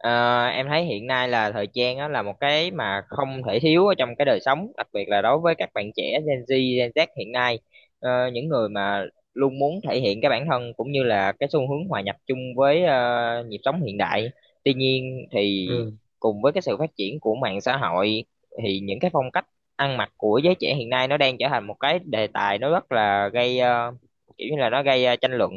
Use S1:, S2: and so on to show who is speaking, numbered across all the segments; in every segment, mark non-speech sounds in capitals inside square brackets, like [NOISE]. S1: Ờ, em thấy hiện nay là thời trang á, là một cái mà không thể thiếu ở trong cái đời sống, đặc biệt là đối với các bạn trẻ Gen Z hiện nay, những người mà luôn muốn thể hiện cái bản thân cũng như là cái xu hướng hòa nhập chung với nhịp sống hiện đại. Tuy nhiên thì
S2: Ừ,
S1: cùng với cái sự phát triển của mạng xã hội thì những cái phong cách ăn mặc của giới trẻ hiện nay nó đang trở thành một cái đề tài nó rất là gây kiểu như là nó gây tranh luận.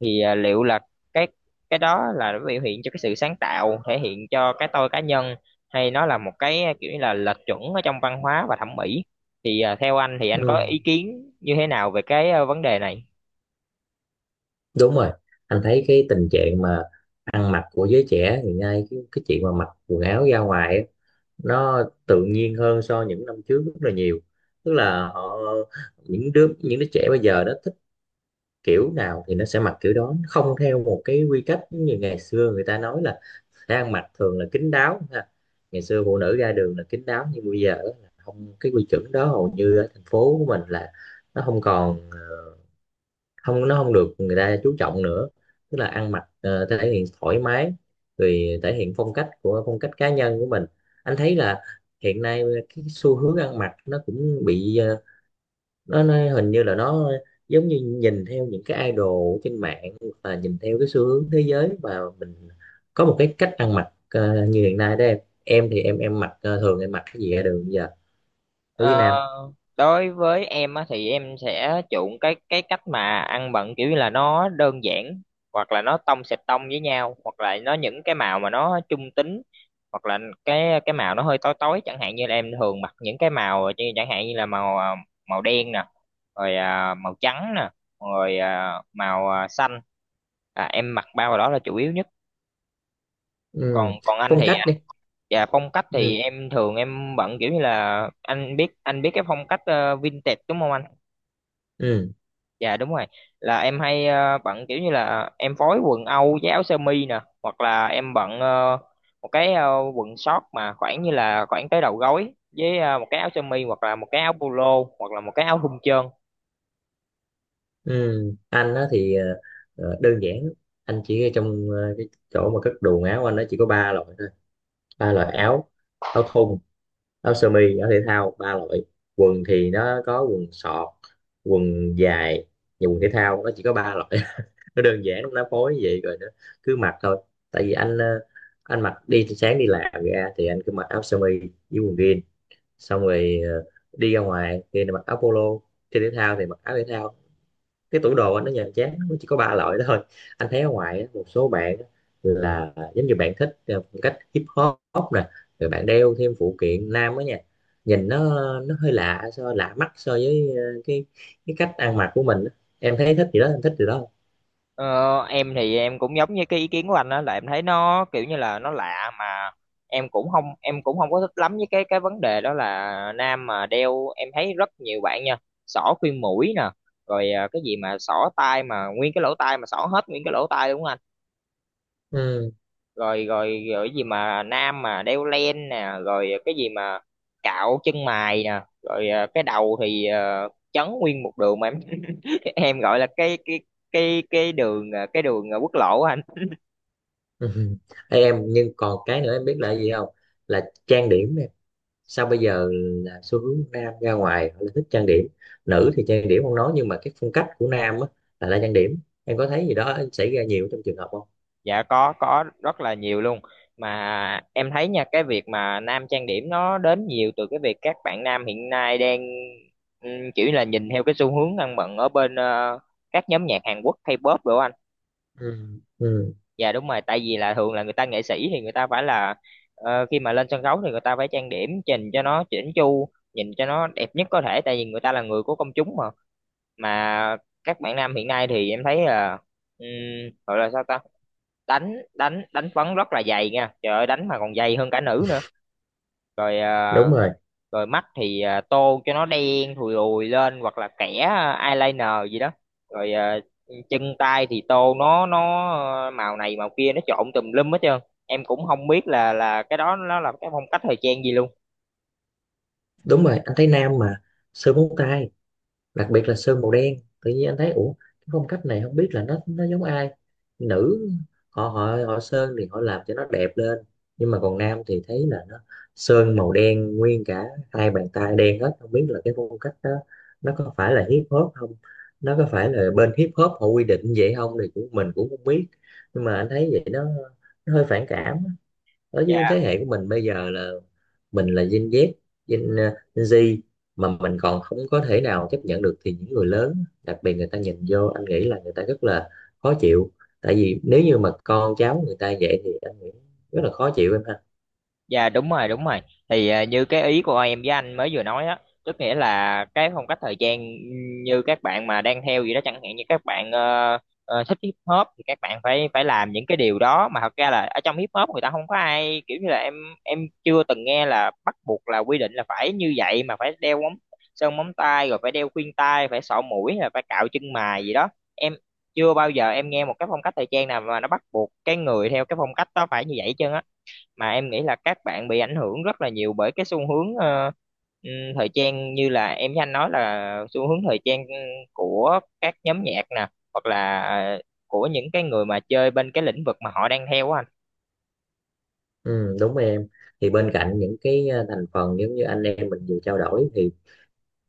S1: Thì liệu là cái cái đó là nó biểu hiện cho cái sự sáng tạo, thể hiện cho cái tôi cá nhân, hay nó là một cái kiểu như là lệch chuẩn ở trong văn hóa và thẩm mỹ, thì theo anh thì anh có
S2: ừ.
S1: ý kiến như thế nào về cái vấn đề này?
S2: Đúng rồi, anh thấy cái tình trạng mà ăn mặc của giới trẻ hiện nay, cái chuyện mà mặc quần áo ra ngoài á, nó tự nhiên hơn so với những năm trước rất là nhiều. Tức là họ, những đứa trẻ bây giờ nó thích kiểu nào thì nó sẽ mặc kiểu đó, nó không theo một cái quy cách như ngày xưa. Người ta nói là sẽ ăn mặc thường là kín đáo ha. Ngày xưa phụ nữ ra đường là kín đáo, nhưng bây giờ á, là không, cái quy chuẩn đó hầu như ở thành phố của mình là nó không còn, ờ, không nó không được người ta chú trọng nữa. Tức là ăn mặc thể hiện thoải mái, rồi thể hiện phong cách cá nhân của mình. Anh thấy là hiện nay cái xu hướng ăn mặc nó cũng bị nó hình như là nó giống như nhìn theo những cái idol trên mạng và nhìn theo cái xu hướng thế giới, và mình có một cái cách ăn mặc như hiện nay đó em. Em thì thường em mặc cái gì ra đường bây giờ ở Việt
S1: Ờ,
S2: Nam?
S1: Đối với em á, thì em sẽ chuộng cái cách mà ăn bận kiểu như là nó đơn giản, hoặc là nó tông sệt tông với nhau, hoặc là nó những cái màu mà nó trung tính, hoặc là cái màu nó hơi tối tối, chẳng hạn như là em thường mặc những cái màu như- chẳng hạn như là màu màu đen nè, rồi màu trắng nè, rồi màu xanh. Em mặc ba màu đó là chủ yếu nhất. còn
S2: Ừ.
S1: còn anh
S2: Phong
S1: thì.
S2: cách đi.
S1: Dạ, phong cách thì
S2: Ừ.
S1: em thường bận kiểu như là anh biết cái phong cách vintage, đúng không anh?
S2: Ừ.
S1: Dạ đúng rồi, là em hay bận kiểu như là em phối quần âu với áo sơ mi nè, hoặc là em bận một cái quần short mà khoảng như là khoảng tới đầu gối, với một cái áo sơ mi hoặc là một cái áo polo hoặc là một cái áo thun trơn.
S2: Ừ, anh á thì đơn giản lắm. Anh chỉ ở trong cái chỗ mà cất đồ áo anh, nó chỉ có ba loại thôi. Ba loại áo: áo thun, áo sơ mi, áo thể thao, ba loại. Quần thì nó có quần sọt, quần dài và quần thể thao, nó chỉ có ba loại. [LAUGHS] Nó đơn giản lắm, nó phối vậy rồi nó cứ mặc thôi. Tại vì anh mặc đi sáng đi làm ra thì anh cứ mặc áo sơ mi với quần jean. Xong rồi đi ra ngoài thì mặc áo polo, chơi thể thao thì mặc áo thể thao. Cái tủ đồ anh nó nhàm chán, nó chỉ có ba loại đó thôi. Anh thấy ở ngoài á, một số bạn á, là giống như bạn thích phong cách hip hop nè, rồi bạn đeo thêm phụ kiện nam á nha. Nhìn nó hơi lạ, lạ mắt so với cái cách ăn mặc của mình á. Em thấy thích gì đó Em thích gì đó.
S1: Ờ, em thì em cũng giống như cái ý kiến của anh, đó là em thấy nó kiểu như là nó lạ, mà em cũng không có thích lắm với cái vấn đề đó là nam mà đeo, em thấy rất nhiều bạn nha, xỏ khuyên mũi nè, rồi cái gì mà xỏ tai mà nguyên cái lỗ tai mà xỏ hết nguyên cái lỗ tai, đúng không anh?
S2: Ừ.
S1: Rồi rồi rồi cái gì mà nam mà đeo len nè, rồi cái gì mà cạo chân mày nè, rồi cái đầu thì chấn nguyên một đường mà em [LAUGHS] em gọi là cái đường cái đường quốc lộ á anh.
S2: [LAUGHS] Ê, em, nhưng còn cái nữa em biết là gì không? Là trang điểm. Sao bây giờ là xu hướng nam ra ngoài họ lại thích trang điểm? Nữ thì trang điểm không nói, nhưng mà cái phong cách của nam á là ra trang điểm. Em có thấy gì đó xảy ra nhiều trong trường hợp không?
S1: Dạ có rất là nhiều luôn, mà em thấy nha, cái việc mà nam trang điểm nó đến nhiều từ cái việc các bạn nam hiện nay đang kiểu như là nhìn theo cái xu hướng ăn bận ở bên các nhóm nhạc Hàn Quốc K-pop đồ anh.
S2: Ừ. Ừ,
S1: Dạ đúng rồi, tại vì là thường là người ta nghệ sĩ thì người ta phải là, khi mà lên sân khấu thì người ta phải trang điểm chỉnh cho nó chỉnh chu, nhìn cho nó đẹp nhất có thể, tại vì người ta là người của công chúng, mà các bạn nam hiện nay thì em thấy là, ừm, gọi là sao ta, đánh đánh đánh phấn rất là dày nha, trời ơi đánh mà còn dày hơn cả nữ nữa, rồi
S2: đúng rồi,
S1: rồi mắt thì tô cho nó đen thùi lùi lên, hoặc là kẻ eyeliner gì đó, rồi chân tay thì tô nó màu này màu kia, nó trộn tùm lum hết trơn, em cũng không biết là cái đó nó là cái phong cách thời trang gì luôn.
S2: đúng rồi, anh thấy nam mà sơn móng tay, đặc biệt là sơn màu đen. Tự nhiên anh thấy, ủa, cái phong cách này không biết là nó giống ai. Nữ họ họ họ sơn thì họ làm cho nó đẹp lên, nhưng mà còn nam thì thấy là nó sơn màu đen nguyên cả hai bàn tay đen hết. Không biết là cái phong cách đó nó có phải là hip hop không, nó có phải là bên hip hop họ quy định vậy không, thì cũng mình cũng không biết. Nhưng mà anh thấy vậy nó hơi phản cảm á. Ở với
S1: Dạ.
S2: thế hệ của mình bây giờ là mình là Gen Z, Gen ờ, Gen Z, mà mình còn không có thể nào chấp nhận được, thì những người lớn đặc biệt người ta nhìn vô, anh nghĩ là người ta rất là khó chịu. Tại vì nếu như mà con cháu người ta vậy thì anh nghĩ rất là khó chịu em ha.
S1: Dạ đúng rồi, đúng rồi, thì như cái ý của em với anh mới vừa nói á, tức nghĩa là cái phong cách thời trang như các bạn mà đang theo gì đó, chẳng hạn như các bạn thích hip hop thì các bạn phải phải làm những cái điều đó, mà thật ra là ở trong hip hop người ta không có ai kiểu như là, em chưa từng nghe là bắt buộc là quy định là phải như vậy, mà phải đeo móng, sơn móng tay, rồi phải đeo khuyên tai, phải sọ mũi, là phải cạo chân mày gì đó. Em chưa bao giờ em nghe một cái phong cách thời trang nào mà nó bắt buộc cái người theo cái phong cách đó phải như vậy chứ. Mà em nghĩ là các bạn bị ảnh hưởng rất là nhiều bởi cái xu hướng ừm, thời trang, như là em với anh nói là xu hướng thời trang của các nhóm nhạc nè, hoặc là của những cái người mà chơi bên cái lĩnh vực mà họ đang theo á anh.
S2: Ừ, đúng em. Thì bên cạnh những cái thành phần giống như anh em mình vừa trao đổi thì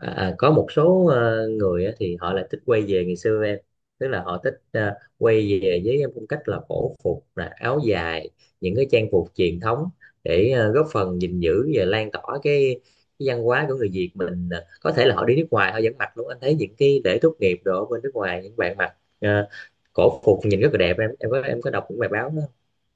S2: À, có một số người á, thì họ lại thích quay về ngày xưa em. Tức là họ thích quay về với phong cách là cổ phục, là áo dài, những cái trang phục truyền thống để góp phần gìn giữ và lan tỏa cái văn hóa của người Việt mình. Ờ, có thể là họ đi nước ngoài họ vẫn mặc luôn. Anh thấy những cái lễ tốt nghiệp đồ ở bên nước ngoài, những bạn mặc cổ phục nhìn rất là đẹp. Em có đọc những bài báo đó không?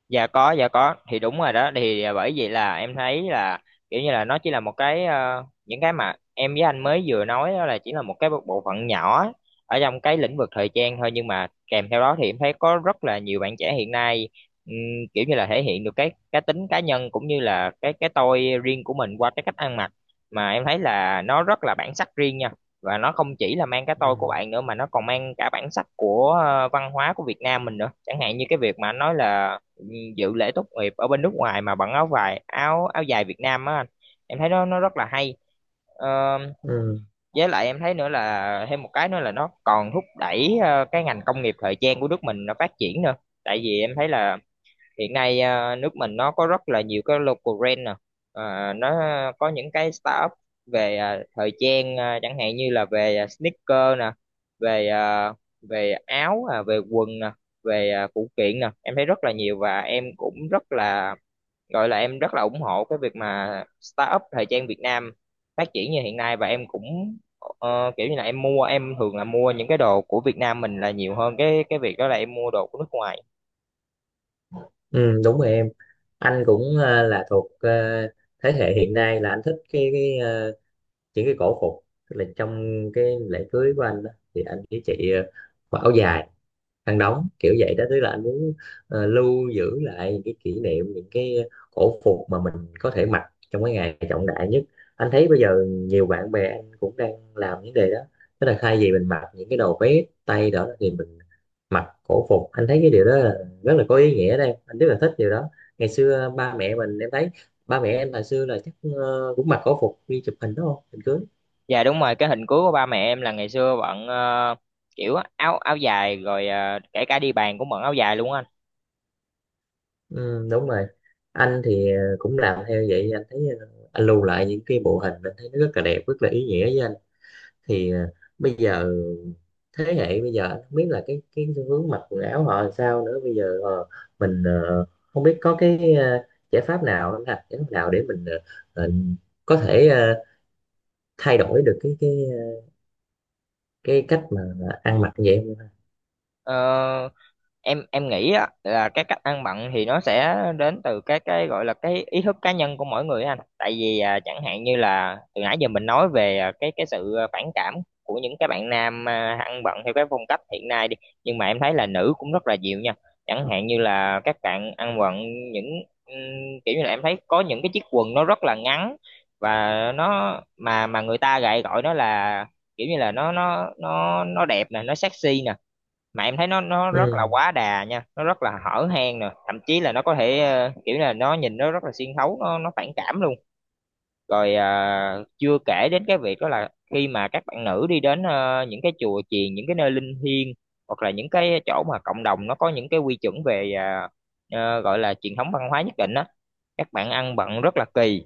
S1: Dạ có, dạ có, thì đúng rồi đó, thì bởi vậy là em thấy là kiểu như là nó chỉ là một cái, những cái mà em với anh mới vừa nói đó là chỉ là một cái bộ bộ phận nhỏ ở trong cái lĩnh vực thời trang thôi. Nhưng mà kèm theo đó thì em thấy có rất là nhiều bạn trẻ hiện nay, ừm, kiểu như là thể hiện được cái tính cá nhân, cũng như là cái tôi riêng của mình qua cái cách ăn mặc, mà em thấy là nó rất là bản sắc riêng nha. Và nó không chỉ là mang cái tôi
S2: Ừ.
S1: của bạn nữa, mà nó còn mang cả bản sắc của văn hóa của Việt Nam mình nữa, chẳng hạn như cái việc mà anh nói là dự lễ tốt nghiệp ở bên nước ngoài mà bằng áo vải áo áo dài Việt Nam á anh, em thấy nó rất là hay. Ờ,
S2: Ừ,
S1: với lại em thấy nữa là thêm một cái nữa là nó còn thúc đẩy cái ngành công nghiệp thời trang của nước mình nó phát triển nữa. Tại vì em thấy là hiện nay nước mình nó có rất là nhiều cái local brand nè. Nó có những cái startup về thời trang, chẳng hạn như là về sneaker nè, về à, về áo, về quần nè, về phụ kiện nè, em thấy rất là nhiều. Và em cũng rất là, gọi là em rất là ủng hộ cái việc mà startup thời trang Việt Nam phát triển như hiện nay, và em cũng kiểu như là em mua em thường là mua những cái đồ của Việt Nam mình là nhiều hơn cái việc đó là em mua đồ của nước ngoài.
S2: ừ, đúng rồi em, anh cũng là thuộc thế hệ hiện nay là anh thích những cái cổ phục. Tức là trong cái lễ cưới của anh đó, thì anh với chị mặc áo dài, khăn đóng kiểu vậy đó. Tức là anh muốn lưu giữ lại những cái kỷ niệm, những cái cổ phục mà mình có thể mặc trong cái ngày trọng đại nhất. Anh thấy bây giờ nhiều bạn bè anh cũng đang làm vấn đề đó, tức là thay vì mình mặc những cái đồ vest tay đó thì mình mặc cổ phục. Anh thấy cái điều đó là rất là có ý nghĩa, đây anh rất là thích điều đó. Ngày xưa ba mẹ mình, em thấy ba mẹ em hồi xưa là chắc cũng mặc cổ phục đi chụp hình đúng không, hình cưới?
S1: Dạ đúng rồi, cái hình cuối của ba mẹ em là ngày xưa bận kiểu áo áo dài, rồi kể cả đi bàn cũng bận áo dài luôn á anh.
S2: Ừ, đúng rồi. Anh thì cũng làm theo vậy. Anh thấy anh lưu lại những cái bộ hình, anh thấy nó rất là đẹp, rất là ý nghĩa với anh. Thì bây giờ thế hệ bây giờ anh không biết là cái xu hướng mặc quần áo họ làm sao nữa bây giờ. Ờ, mình không biết có cái giải pháp nào anh ha, giải pháp nào để mình ờ, có thể thay đổi được cái cách mà ăn mặc như vậy không?
S1: Ờ, em nghĩ á, là cái cách ăn bận thì nó sẽ đến từ cái gọi là cái ý thức cá nhân của mỗi người anh, tại vì chẳng hạn như là từ nãy giờ mình nói về cái sự phản cảm của những cái bạn nam ăn bận theo cái phong cách hiện nay đi, nhưng mà em thấy là nữ cũng rất là nhiều nha. Chẳng hạn như là các bạn ăn bận những, kiểu như là em thấy có những cái chiếc quần nó rất là ngắn, và nó mà người ta lại gọi nó là kiểu như là nó đẹp nè, nó sexy nè, mà em thấy nó rất là
S2: Ừ,
S1: quá đà nha, nó rất là hở hang nè, thậm chí là nó có thể kiểu là nó nhìn nó rất là xuyên thấu, nó phản cảm luôn. Rồi chưa kể đến cái việc đó là khi mà các bạn nữ đi đến những cái chùa chiền, những cái nơi linh thiêng, hoặc là những cái chỗ mà cộng đồng nó có những cái quy chuẩn về gọi là truyền thống văn hóa nhất định á, các bạn ăn bận rất là kỳ,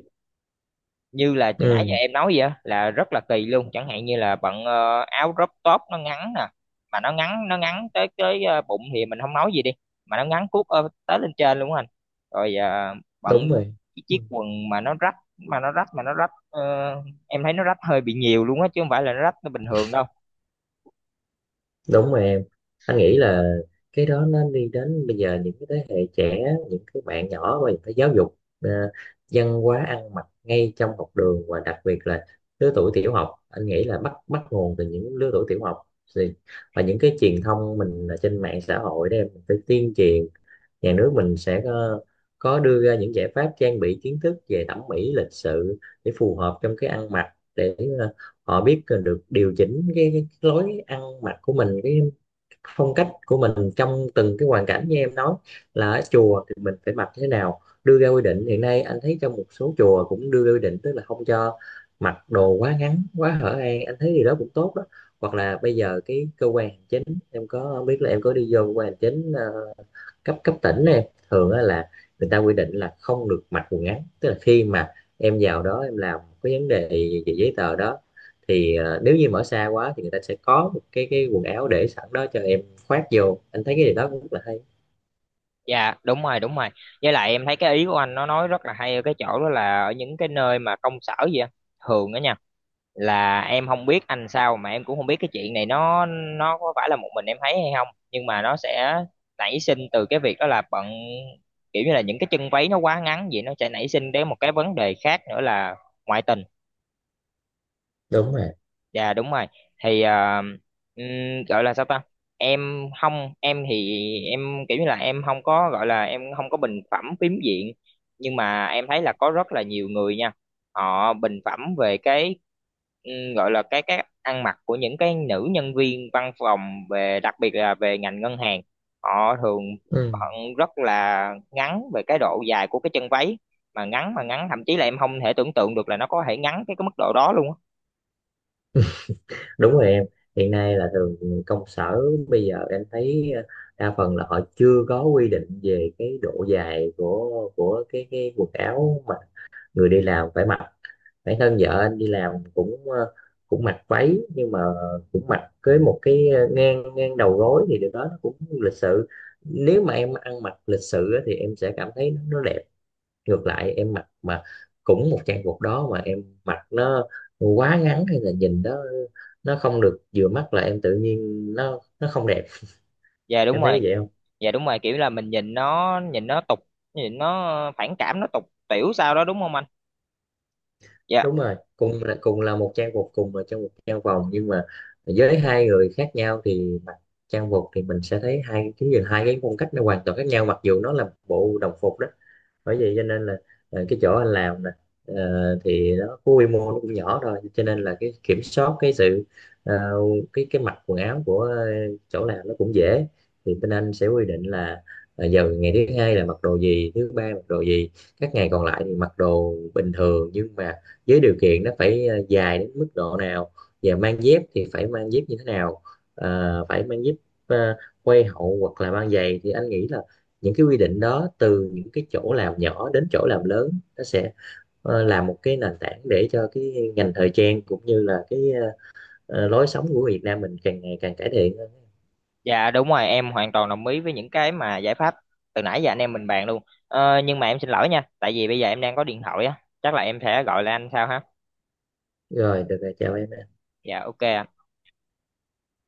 S1: như là từ nãy giờ
S2: ừ,
S1: em nói vậy á, là rất là kỳ luôn. Chẳng hạn như là bận áo crop top nó ngắn nè, mà nó ngắn tới tới bụng thì mình không nói gì đi, mà nó ngắn cuốc tới lên trên luôn á anh. Rồi bận
S2: đúng rồi.
S1: cái chiếc
S2: Ừ.
S1: quần mà nó rách em thấy nó rách hơi bị nhiều luôn á, chứ không phải là nó rách nó bình thường đâu.
S2: Đúng rồi em, anh nghĩ là cái đó nó đi đến bây giờ những cái thế hệ trẻ, những cái bạn nhỏ, và phải giáo dục văn hóa ăn mặc ngay trong học đường, và đặc biệt là lứa tuổi tiểu học. Anh nghĩ là bắt bắt nguồn từ những lứa tuổi tiểu học. Thì và những cái truyền thông mình ở trên mạng xã hội đó em, mình phải tuyên truyền. Nhà nước mình sẽ có đưa ra những giải pháp trang bị kiến thức về thẩm mỹ, lịch sự để phù hợp trong cái ăn mặc, để họ biết được điều chỉnh cái lối ăn mặc của mình, cái phong cách của mình trong từng cái hoàn cảnh. Như em nói là ở chùa thì mình phải mặc thế nào, đưa ra quy định. Hiện nay anh thấy trong một số chùa cũng đưa ra quy định, tức là không cho mặc đồ quá ngắn, quá hở hang, anh thấy điều đó cũng tốt đó. Hoặc là bây giờ cái cơ quan hành chính, em có không biết là em có đi vô cơ quan hành chính cấp cấp tỉnh này, thường là người ta quy định là không được mặc quần ngắn. Tức là khi mà em vào đó em làm cái vấn đề về giấy tờ đó, thì nếu như mở xa quá thì người ta sẽ có một cái quần áo để sẵn đó cho em khoác vô, anh thấy cái điều đó cũng rất là hay.
S1: Dạ đúng rồi, đúng rồi, với lại em thấy cái ý của anh nó nói rất là hay ở cái chỗ đó là ở những cái nơi mà công sở vậy á, thường á nha, là em không biết anh sao mà em cũng không biết cái chuyện này nó có phải là một mình em thấy hay không, nhưng mà nó sẽ nảy sinh từ cái việc đó là bận kiểu như là những cái chân váy nó quá ngắn vậy, nó sẽ nảy sinh đến một cái vấn đề khác nữa là ngoại tình.
S2: Đúng rồi.
S1: Dạ đúng rồi. Thì gọi là sao ta? Em không, em thì em kiểu như là em không có, gọi là em không có bình phẩm phím diện, nhưng mà em thấy là có rất là nhiều người nha. Họ bình phẩm về cái, gọi là cái ăn mặc của những cái nữ nhân viên văn phòng, về đặc biệt là về ngành ngân hàng. Họ thường
S2: Ừ.
S1: bận rất là ngắn về cái độ dài của cái chân váy, mà ngắn thậm chí là em không thể tưởng tượng được là nó có thể ngắn cái mức độ đó luôn á.
S2: Đúng rồi em, hiện nay là thường công sở bây giờ em thấy đa phần là họ chưa có quy định về cái độ dài của cái quần áo mà người đi làm phải mặc. Bản thân vợ anh đi làm cũng cũng mặc váy, nhưng mà cũng mặc cưới một cái ngang ngang đầu gối, thì điều đó nó cũng lịch sự. Nếu mà em ăn mặc lịch sự á, thì em sẽ cảm thấy nó, đẹp. Ngược lại em mặc mà cũng một trang phục đó, mà em mặc nó quá ngắn hay là nhìn đó nó không được vừa mắt, là em tự nhiên nó không đẹp.
S1: Dạ đúng
S2: Em
S1: rồi.
S2: thấy vậy không?
S1: Dạ đúng rồi, kiểu là mình nhìn nó tục, nhìn nó phản cảm, nó tục tiểu sao đó, đúng không anh? Dạ.
S2: Đúng rồi, cùng là một trang phục, cùng là trong một trang vòng, nhưng mà với hai người khác nhau thì mặc trang phục thì mình sẽ thấy hai cái nhìn, hai cái phong cách nó hoàn toàn khác nhau, mặc dù nó là bộ đồng phục đó. Bởi vậy cho nên là cái chỗ anh làm nè, thì nó có quy mô nó cũng nhỏ thôi, cho nên là cái kiểm soát cái sự ờ, cái mặc quần áo của chỗ làm nó cũng dễ. Thì bên anh sẽ quy định là giờ ngày thứ hai là mặc đồ gì, thứ ba mặc đồ gì, các ngày còn lại thì mặc đồ bình thường, nhưng mà với điều kiện nó phải dài đến mức độ nào, và mang dép thì phải mang dép như thế nào. Ờ, phải mang dép ờ, quay hậu hoặc là mang giày. Thì anh nghĩ là những cái quy định đó từ những cái chỗ làm nhỏ đến chỗ làm lớn, nó sẽ là một cái nền tảng để cho cái ngành thời trang cũng như là cái lối sống của Việt Nam mình càng ngày càng cải thiện hơn.
S1: Dạ đúng rồi, em hoàn toàn đồng ý với những cái mà giải pháp từ nãy giờ anh em mình bàn luôn. Ờ, nhưng mà em xin lỗi nha, tại vì bây giờ em đang có điện thoại á, chắc là em sẽ gọi lại anh sau ha.
S2: Rồi, được rồi, chào em.
S1: Dạ ok ạ.